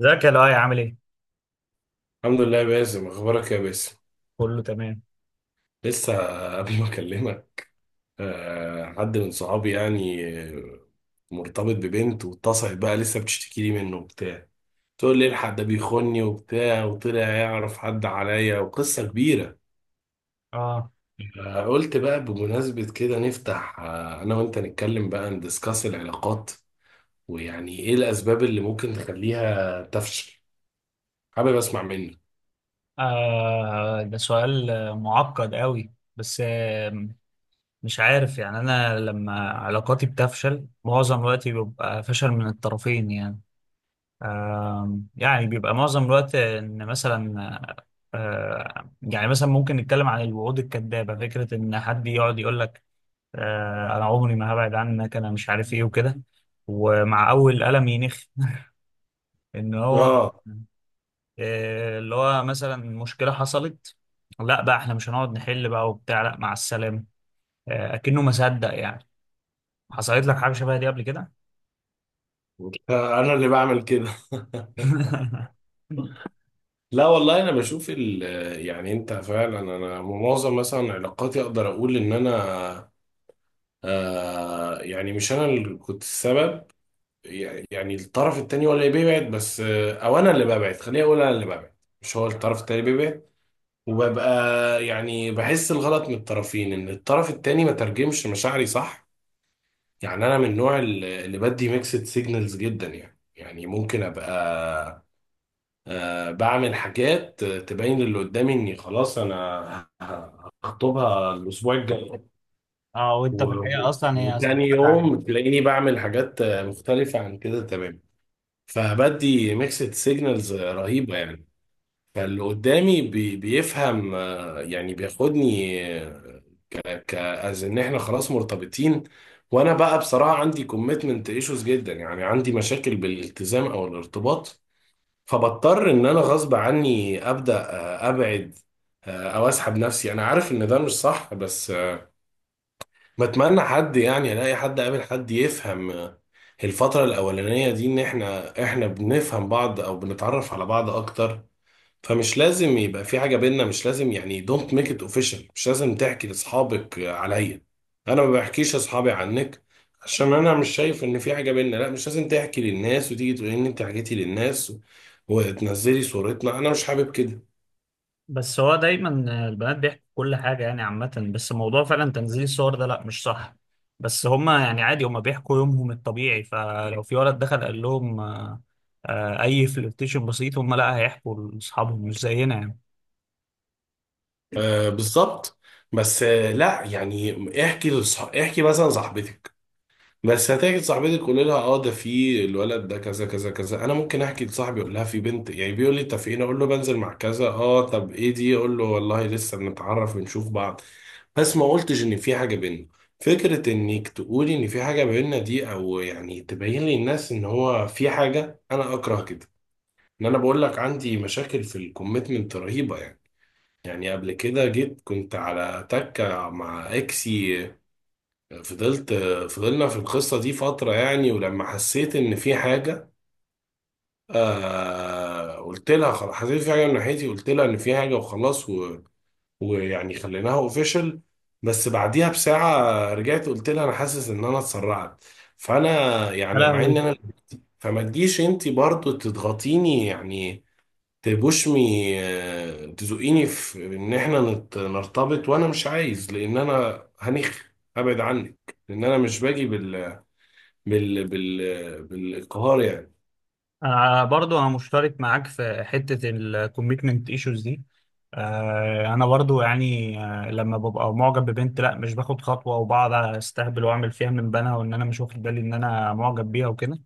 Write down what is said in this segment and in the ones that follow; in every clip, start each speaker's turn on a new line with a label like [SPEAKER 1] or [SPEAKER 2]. [SPEAKER 1] ازيك يا لؤي؟ عامل ايه؟
[SPEAKER 2] الحمد لله يا باسم، اخبارك يا باسم؟
[SPEAKER 1] كله تمام.
[SPEAKER 2] لسه قبل ما اكلمك، حد من صحابي يعني، مرتبط ببنت واتصلت بقى لسه بتشتكي لي منه وبتاع. تقول لي الحق ده بيخوني وبتاع، وطلع يعرف حد عليا وقصة كبيرة.
[SPEAKER 1] اه.
[SPEAKER 2] قلت بقى بمناسبة كده نفتح، انا وانت نتكلم بقى ندسكاس العلاقات، ويعني ايه الاسباب اللي ممكن تخليها تفشل. حابب اسمع منك.
[SPEAKER 1] ده سؤال معقد قوي، بس مش عارف يعني. انا لما علاقاتي بتفشل معظم الوقت بيبقى فشل من الطرفين يعني. يعني بيبقى معظم الوقت ان مثلا، يعني مثلا ممكن نتكلم عن الوعود الكذابة. فكرة ان حد يقعد يقول لك انا عمري ما هبعد عنك، انا مش عارف ايه وكده، ومع اول قلم ينخ. ان هو
[SPEAKER 2] اه،
[SPEAKER 1] إيه اللي هو مثلا مشكلة حصلت، لا بقى احنا مش هنقعد نحل بقى وبتاع، لا مع السلامة. إيه أكنه ما صدق يعني. حصلت لك حاجة شبه دي قبل كده؟
[SPEAKER 2] انا اللي بعمل كده. لا والله انا بشوف ال، يعني انت فعلا. انا معظم مثلا علاقاتي اقدر اقول ان انا، آه يعني مش انا اللي كنت السبب. يعني الطرف التاني هو اللي بيبعد، بس او انا اللي ببعد، خليني اقول انا اللي ببعد، مش هو الطرف التاني اللي بيبعد. وببقى يعني بحس الغلط من الطرفين، ان الطرف التاني ما ترجمش مشاعري صح. يعني انا من النوع اللي بدي ميكسد سيجنالز جدا يعني. يعني ممكن ابقى بعمل حاجات تبين اللي قدامي اني خلاص انا هخطبها الاسبوع الجاي،
[SPEAKER 1] اه. وانت في
[SPEAKER 2] و-
[SPEAKER 1] الحقيقه اصلا هي
[SPEAKER 2] وتاني
[SPEAKER 1] صاحبتك
[SPEAKER 2] يوم
[SPEAKER 1] عليك.
[SPEAKER 2] تلاقيني بعمل حاجات مختلفة عن كده تمام. فبدي ميكسد سيجنالز رهيبة يعني. فاللي قدامي بيفهم يعني بياخدني، آه، ك as ان احنا خلاص مرتبطين. وانا بقى بصراحة عندي كوميتمنت ايشوز جدا، يعني عندي مشاكل بالالتزام او الارتباط. فبضطر ان انا غصب عني ابدا ابعد، او اسحب نفسي. انا عارف ان ده مش صح بس، بتمنى حد يعني، الاقي حد، قابل حد يفهم الفترة الأولانية دي. إن إحنا بنفهم بعض أو بنتعرف على بعض أكتر. فمش لازم يبقى في حاجة بينا، مش لازم يعني دونت ميك ات اوفيشال. مش لازم تحكي لاصحابك عليا، انا ما بحكيش لاصحابي عنك، عشان انا مش شايف ان في حاجة بينا. لا مش لازم تحكي للناس وتيجي تقولي ان انت حكيتي للناس وتنزلي صورتنا، انا مش حابب كده.
[SPEAKER 1] بس هو دايما البنات بيحكوا كل حاجة يعني عامة، بس موضوع فعلا تنزيل الصور ده لا مش صح. بس هما يعني عادي، هما بيحكوا يومهم الطبيعي، فلو في ولد دخل قال لهم أي فلirtation بسيط، هما لا هيحكوا لأصحابهم، مش زينا يعني.
[SPEAKER 2] آه بالظبط. بس لا يعني، احكي مثلا صاحبتك. بس هتيجي صاحبتك قولي لها اه ده في الولد ده كذا كذا كذا. انا ممكن احكي لصاحبي اقول لها في بنت، يعني بيقول لي انت فين، اقول له بنزل مع كذا، اه طب ايه دي، اقول له والله لسه بنتعرف بنشوف بعض، بس ما قلتش ان في حاجه بينا. فكره انك تقولي ان في حاجه بينا دي، او يعني تبين للناس ان هو في حاجه، انا اكره كده. ان انا بقول لك عندي مشاكل في الكوميتمنت رهيبه يعني. يعني قبل كده جيت، كنت على تكه مع اكسي. فضلت فضلنا في القصة دي فترة يعني، ولما حسيت إن في حاجة آه، قلت لها خلاص حسيت في حاجة من ناحيتي، قلت لها إن في حاجة وخلاص، ويعني خليناها أوفيشال. بس بعديها بساعة رجعت قلت لها أنا حاسس إن أنا اتسرعت. فأنا
[SPEAKER 1] يا
[SPEAKER 2] يعني مع إن
[SPEAKER 1] لهوي.
[SPEAKER 2] أنا، فما تجيش أنت برضو تضغطيني يعني، تبوشمي تزقيني في إن إحنا نرتبط. وأنا مش عايز، لأن أنا أبعد عنك، لأن أنا مش باجي بالانقهار يعني.
[SPEAKER 1] انا برضو مشترك معاك في حته الكوميتمنت ايشوز دي. انا برضو يعني لما ببقى معجب ببنت لا مش باخد خطوه، وبقعد استهبل واعمل فيها من بنها، وان انا مش واخد بالي ان انا معجب بيها وكده.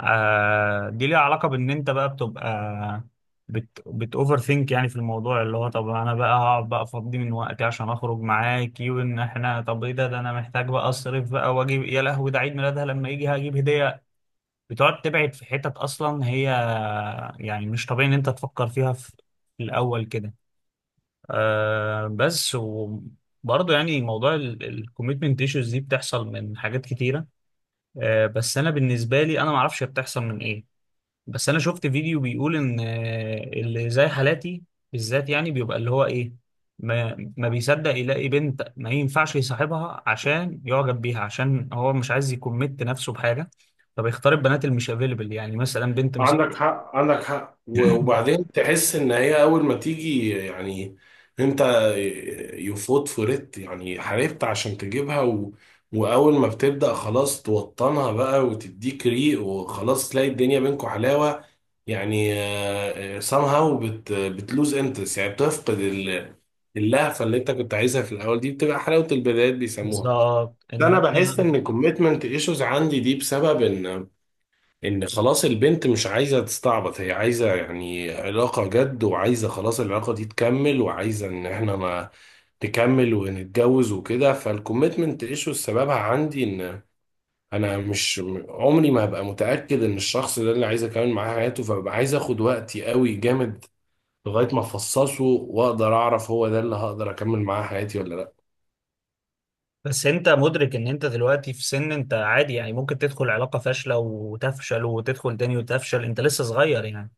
[SPEAKER 1] دي ليها علاقه بان انت بقى بتبقى بت اوفر ثينك يعني في الموضوع، اللي هو طب انا بقى هقعد بقى افضي من وقتي عشان اخرج معاكي، وان احنا طب ايه ده انا محتاج بقى اصرف بقى واجيب، يا لهوي ده عيد ميلادها لما يجي هجيب هديه. بتقعد تبعد في حتت، اصلا هي يعني مش طبيعي ان انت تفكر فيها في في الاول كده. آه بس وبرضه يعني موضوع الكوميتمنت ايشوز دي بتحصل من حاجات كتيره. آه بس انا بالنسبه لي انا ما اعرفش هي بتحصل من ايه. بس انا شفت فيديو بيقول ان اللي زي حالاتي بالذات يعني بيبقى اللي هو ايه، ما بيصدق يلاقي بنت ما ينفعش يصاحبها عشان يعجب بيها، عشان هو مش عايز يكمت نفسه بحاجه، فبيختار البنات اللي مش افيلبل، يعني مثلا بنت مش،
[SPEAKER 2] عندك حق، وبعدين تحس ان هي اول ما تيجي يعني، انت يفوت فريت يعني، حاربت عشان تجيبها واول ما بتبدأ خلاص توطنها بقى وتديك ريق، وخلاص تلاقي الدنيا بينكم حلاوة. يعني somehow بتلوز انترست، يعني بتفقد اللهفة اللي انت كنت عايزها في الاول دي، بتبقى حلاوة البدايات بيسموها.
[SPEAKER 1] بالظبط ان
[SPEAKER 2] انا
[SPEAKER 1] هو.
[SPEAKER 2] بحس ان الكوميتمنت ايشوز عندي دي بسبب ان، ان خلاص البنت مش عايزة تستعبط، هي عايزة يعني علاقة جد، وعايزة خلاص العلاقة دي تكمل، وعايزة ان احنا ما تكمل ونتجوز وكده. فالكوميتمنت ايشو سببها عندي ان انا مش، عمري ما هبقى متأكد ان الشخص ده اللي عايز اكمل معاه حياته. فببقى عايز اخد وقتي قوي جامد لغاية ما افصصه واقدر اعرف هو ده اللي هقدر اكمل معاه حياتي ولا لا.
[SPEAKER 1] بس انت مدرك ان انت دلوقتي في سن، انت عادي يعني، ممكن تدخل علاقه فاشله وتفشل، وتدخل تاني وتفشل، انت لسه صغير يعني.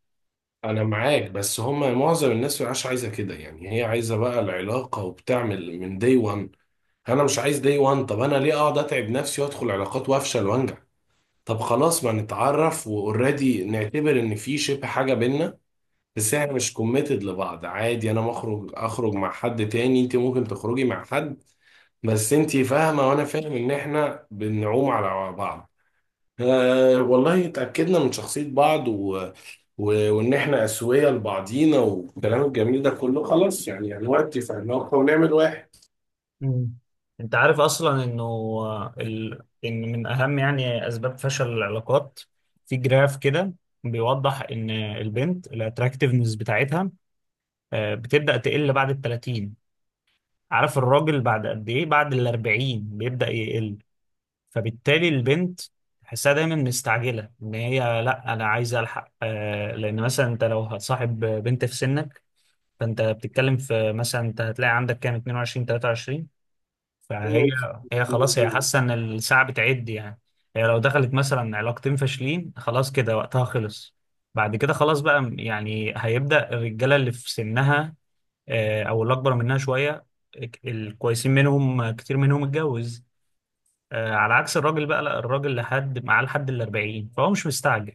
[SPEAKER 2] انا معاك، بس هما معظم الناس مش عايزه كده يعني. هي عايزه بقى العلاقه وبتعمل من دي 1. انا مش عايز دي 1. طب انا ليه اقعد اتعب نفسي وادخل علاقات وافشل وانجح؟ طب خلاص ما نتعرف واوريدي نعتبر ان في شبه حاجه بينا، بس احنا مش كوميتد لبعض. عادي انا مخرج اخرج مع حد تاني، انت ممكن تخرجي مع حد، بس انت فاهمه وانا فاهم ان احنا بنعوم على بعض. أه والله اتأكدنا من شخصية بعض وإن إحنا أسوية لبعضينا والكلام الجميل ده كله، خلاص يعني دلوقتي اتفقنا ونعمل واحد.
[SPEAKER 1] مم. انت عارف اصلا انه ان من اهم يعني اسباب فشل العلاقات، في جراف كده بيوضح ان البنت الاتراكتيفنس بتاعتها بتبدا تقل بعد ال 30. عارف الراجل بعد قد ايه؟ بعد ال 40 بيبدا يقل. فبالتالي البنت تحسها دايما مستعجله، ان هي لا انا عايزه الحق، لان مثلا انت لو هتصاحب بنت في سنك، فانت بتتكلم في مثلا انت هتلاقي عندك كام؟ 22، 23. فهي
[SPEAKER 2] مم.
[SPEAKER 1] هي خلاص، هي
[SPEAKER 2] مظبوط.
[SPEAKER 1] حاسه ان الساعه بتعد يعني. هي لو دخلت مثلا علاقتين فاشلين خلاص كده وقتها خلص. بعد كده خلاص بقى، يعني هيبدا الرجاله اللي في سنها، او اللي اكبر منها شويه، الكويسين منهم كتير منهم اتجوز. على عكس الراجل بقى، لا الراجل لحد معاه لحد ال 40 فهو مش مستعجل.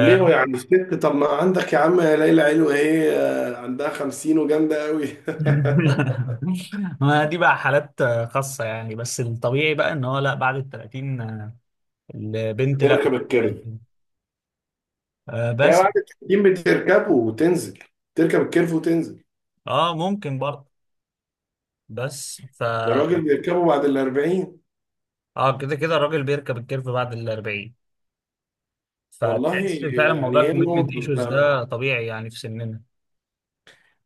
[SPEAKER 2] ليه يعني الست؟ طب ما عندك يا عم يا ليلى علو إيه، عندها خمسين وجامدة أوي.
[SPEAKER 1] ما دي بقى حالات خاصة يعني، بس الطبيعي بقى ان هو لا بعد ال 30، البنت لا،
[SPEAKER 2] بتركب الكيرف. هي
[SPEAKER 1] بس.
[SPEAKER 2] بعد التحكيم بتركبه وتنزل، تركب الكيرف وتنزل.
[SPEAKER 1] اه ممكن برضه، بس ف
[SPEAKER 2] الراجل بيركبه بعد الأربعين.
[SPEAKER 1] اه كده كده الراجل بيركب الكيرف بعد ال 40،
[SPEAKER 2] والله
[SPEAKER 1] فتحس فعلا
[SPEAKER 2] يعني
[SPEAKER 1] موضوع
[SPEAKER 2] هي
[SPEAKER 1] الكوميتمنت
[SPEAKER 2] نقطة
[SPEAKER 1] ايشوز
[SPEAKER 2] أنت.
[SPEAKER 1] ده طبيعي يعني في سننا.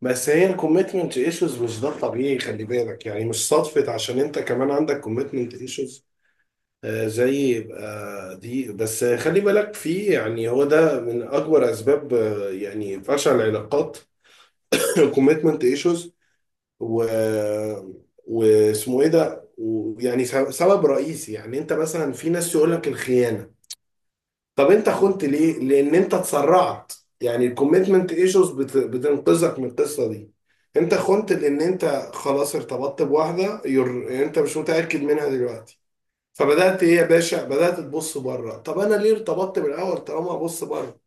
[SPEAKER 2] بس هي الكوميتمنت ايشوز مش ده الطبيعي، خلي بالك، يعني مش صدفة عشان انت كمان عندك كوميتمنت ايشوز زي دي. بس خلي بالك، في يعني هو ده من اكبر اسباب يعني فشل العلاقات. كوميتمنت ايشوز، و واسمه ايه ده ويعني، سبب رئيسي يعني. انت مثلا في ناس يقول لك الخيانة. طب انت خنت ليه؟ لان انت اتسرعت. يعني الكوميتمنت ايشوز بتنقذك من القصه دي. انت خنت لان انت خلاص ارتبطت بواحده، انت مش متاكد منها دلوقتي. فبدات ايه يا باشا، بدات تبص بره. طب انا ليه ارتبطت بالاول طالما ابص بره؟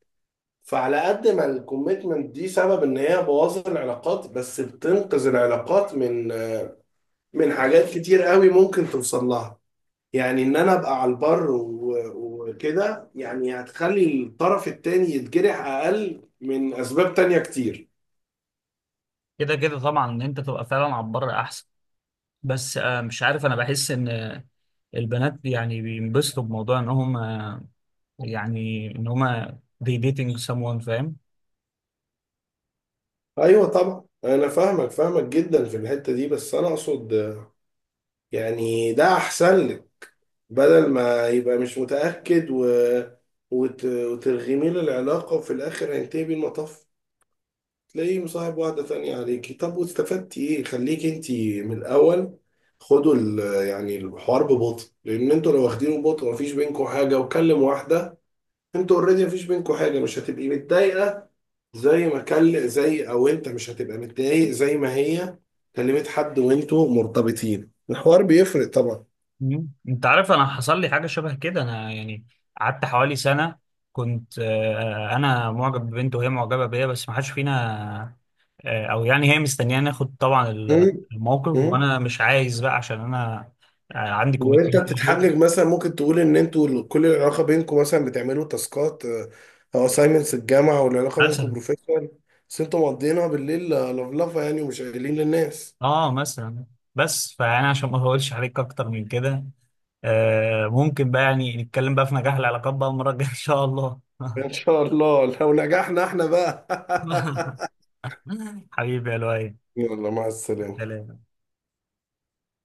[SPEAKER 2] فعلى قد ما الكوميتمنت دي سبب ان هي بوظت العلاقات، بس بتنقذ العلاقات من، من حاجات كتير قوي ممكن توصل لها. يعني ان انا ابقى على البر وكده، يعني هتخلي الطرف التاني يتجرح اقل من اسباب تانية كتير.
[SPEAKER 1] كده كده طبعا ان انت تبقى فعلا على البر احسن، بس مش عارف، انا بحس ان البنات يعني بينبسطوا بموضوع ان هم they dating someone، فاهم؟
[SPEAKER 2] ايوه طبعا انا فاهمك جدا في الحتة دي، بس انا اقصد يعني ده احسن لك. بدل ما يبقى مش متأكد وترغمي له العلاقة، وفي الاخر هينتهي بالمطاف تلاقيه مصاحب واحدة تانية عليكي. طب واستفدتي ايه؟ خليكي انتي من الأول يعني الحوار ببطء، لأن انتوا لو واخدينه ببطء مفيش بينكوا حاجة وكلم واحدة. انتوا اوريدي مفيش بينكوا حاجة، مش هتبقي متضايقة زي ما كل، زي، أو انت مش هتبقى متضايق زي ما هي كلمت حد وانتوا مرتبطين. الحوار بيفرق طبعا.
[SPEAKER 1] مم. انت عارف انا حصل لي حاجه شبه كده، انا يعني قعدت حوالي سنه، كنت انا معجب ببنت وهي معجبه بيا، بس ما حدش فينا او يعني هي مستنياني ناخد طبعا
[SPEAKER 2] مم.
[SPEAKER 1] الموقف،
[SPEAKER 2] مم.
[SPEAKER 1] وانا مش عايز بقى عشان انا عندي
[SPEAKER 2] وانت
[SPEAKER 1] كوميتمنت.
[SPEAKER 2] بتتحجج مثلا، ممكن تقول ان انتوا كل العلاقه بينكم مثلا بتعملوا تاسكات او اساينمنتس الجامعه، والعلاقه بينكم
[SPEAKER 1] مثلا.
[SPEAKER 2] بروفيشنال. بس انتوا مقضيينها بالليل لفلفه يعني، ومش قايلين للناس.
[SPEAKER 1] اه مثلا. بس فانا عشان ما اقولش عليك اكتر من كده، ممكن بقى يعني نتكلم بقى في نجاح العلاقات بقى المره الجايه ان شاء الله.
[SPEAKER 2] ان شاء الله لو نجحنا احنا بقى.
[SPEAKER 1] حبيبي يا لؤي.
[SPEAKER 2] يلا مع السلامه.
[SPEAKER 1] سلام.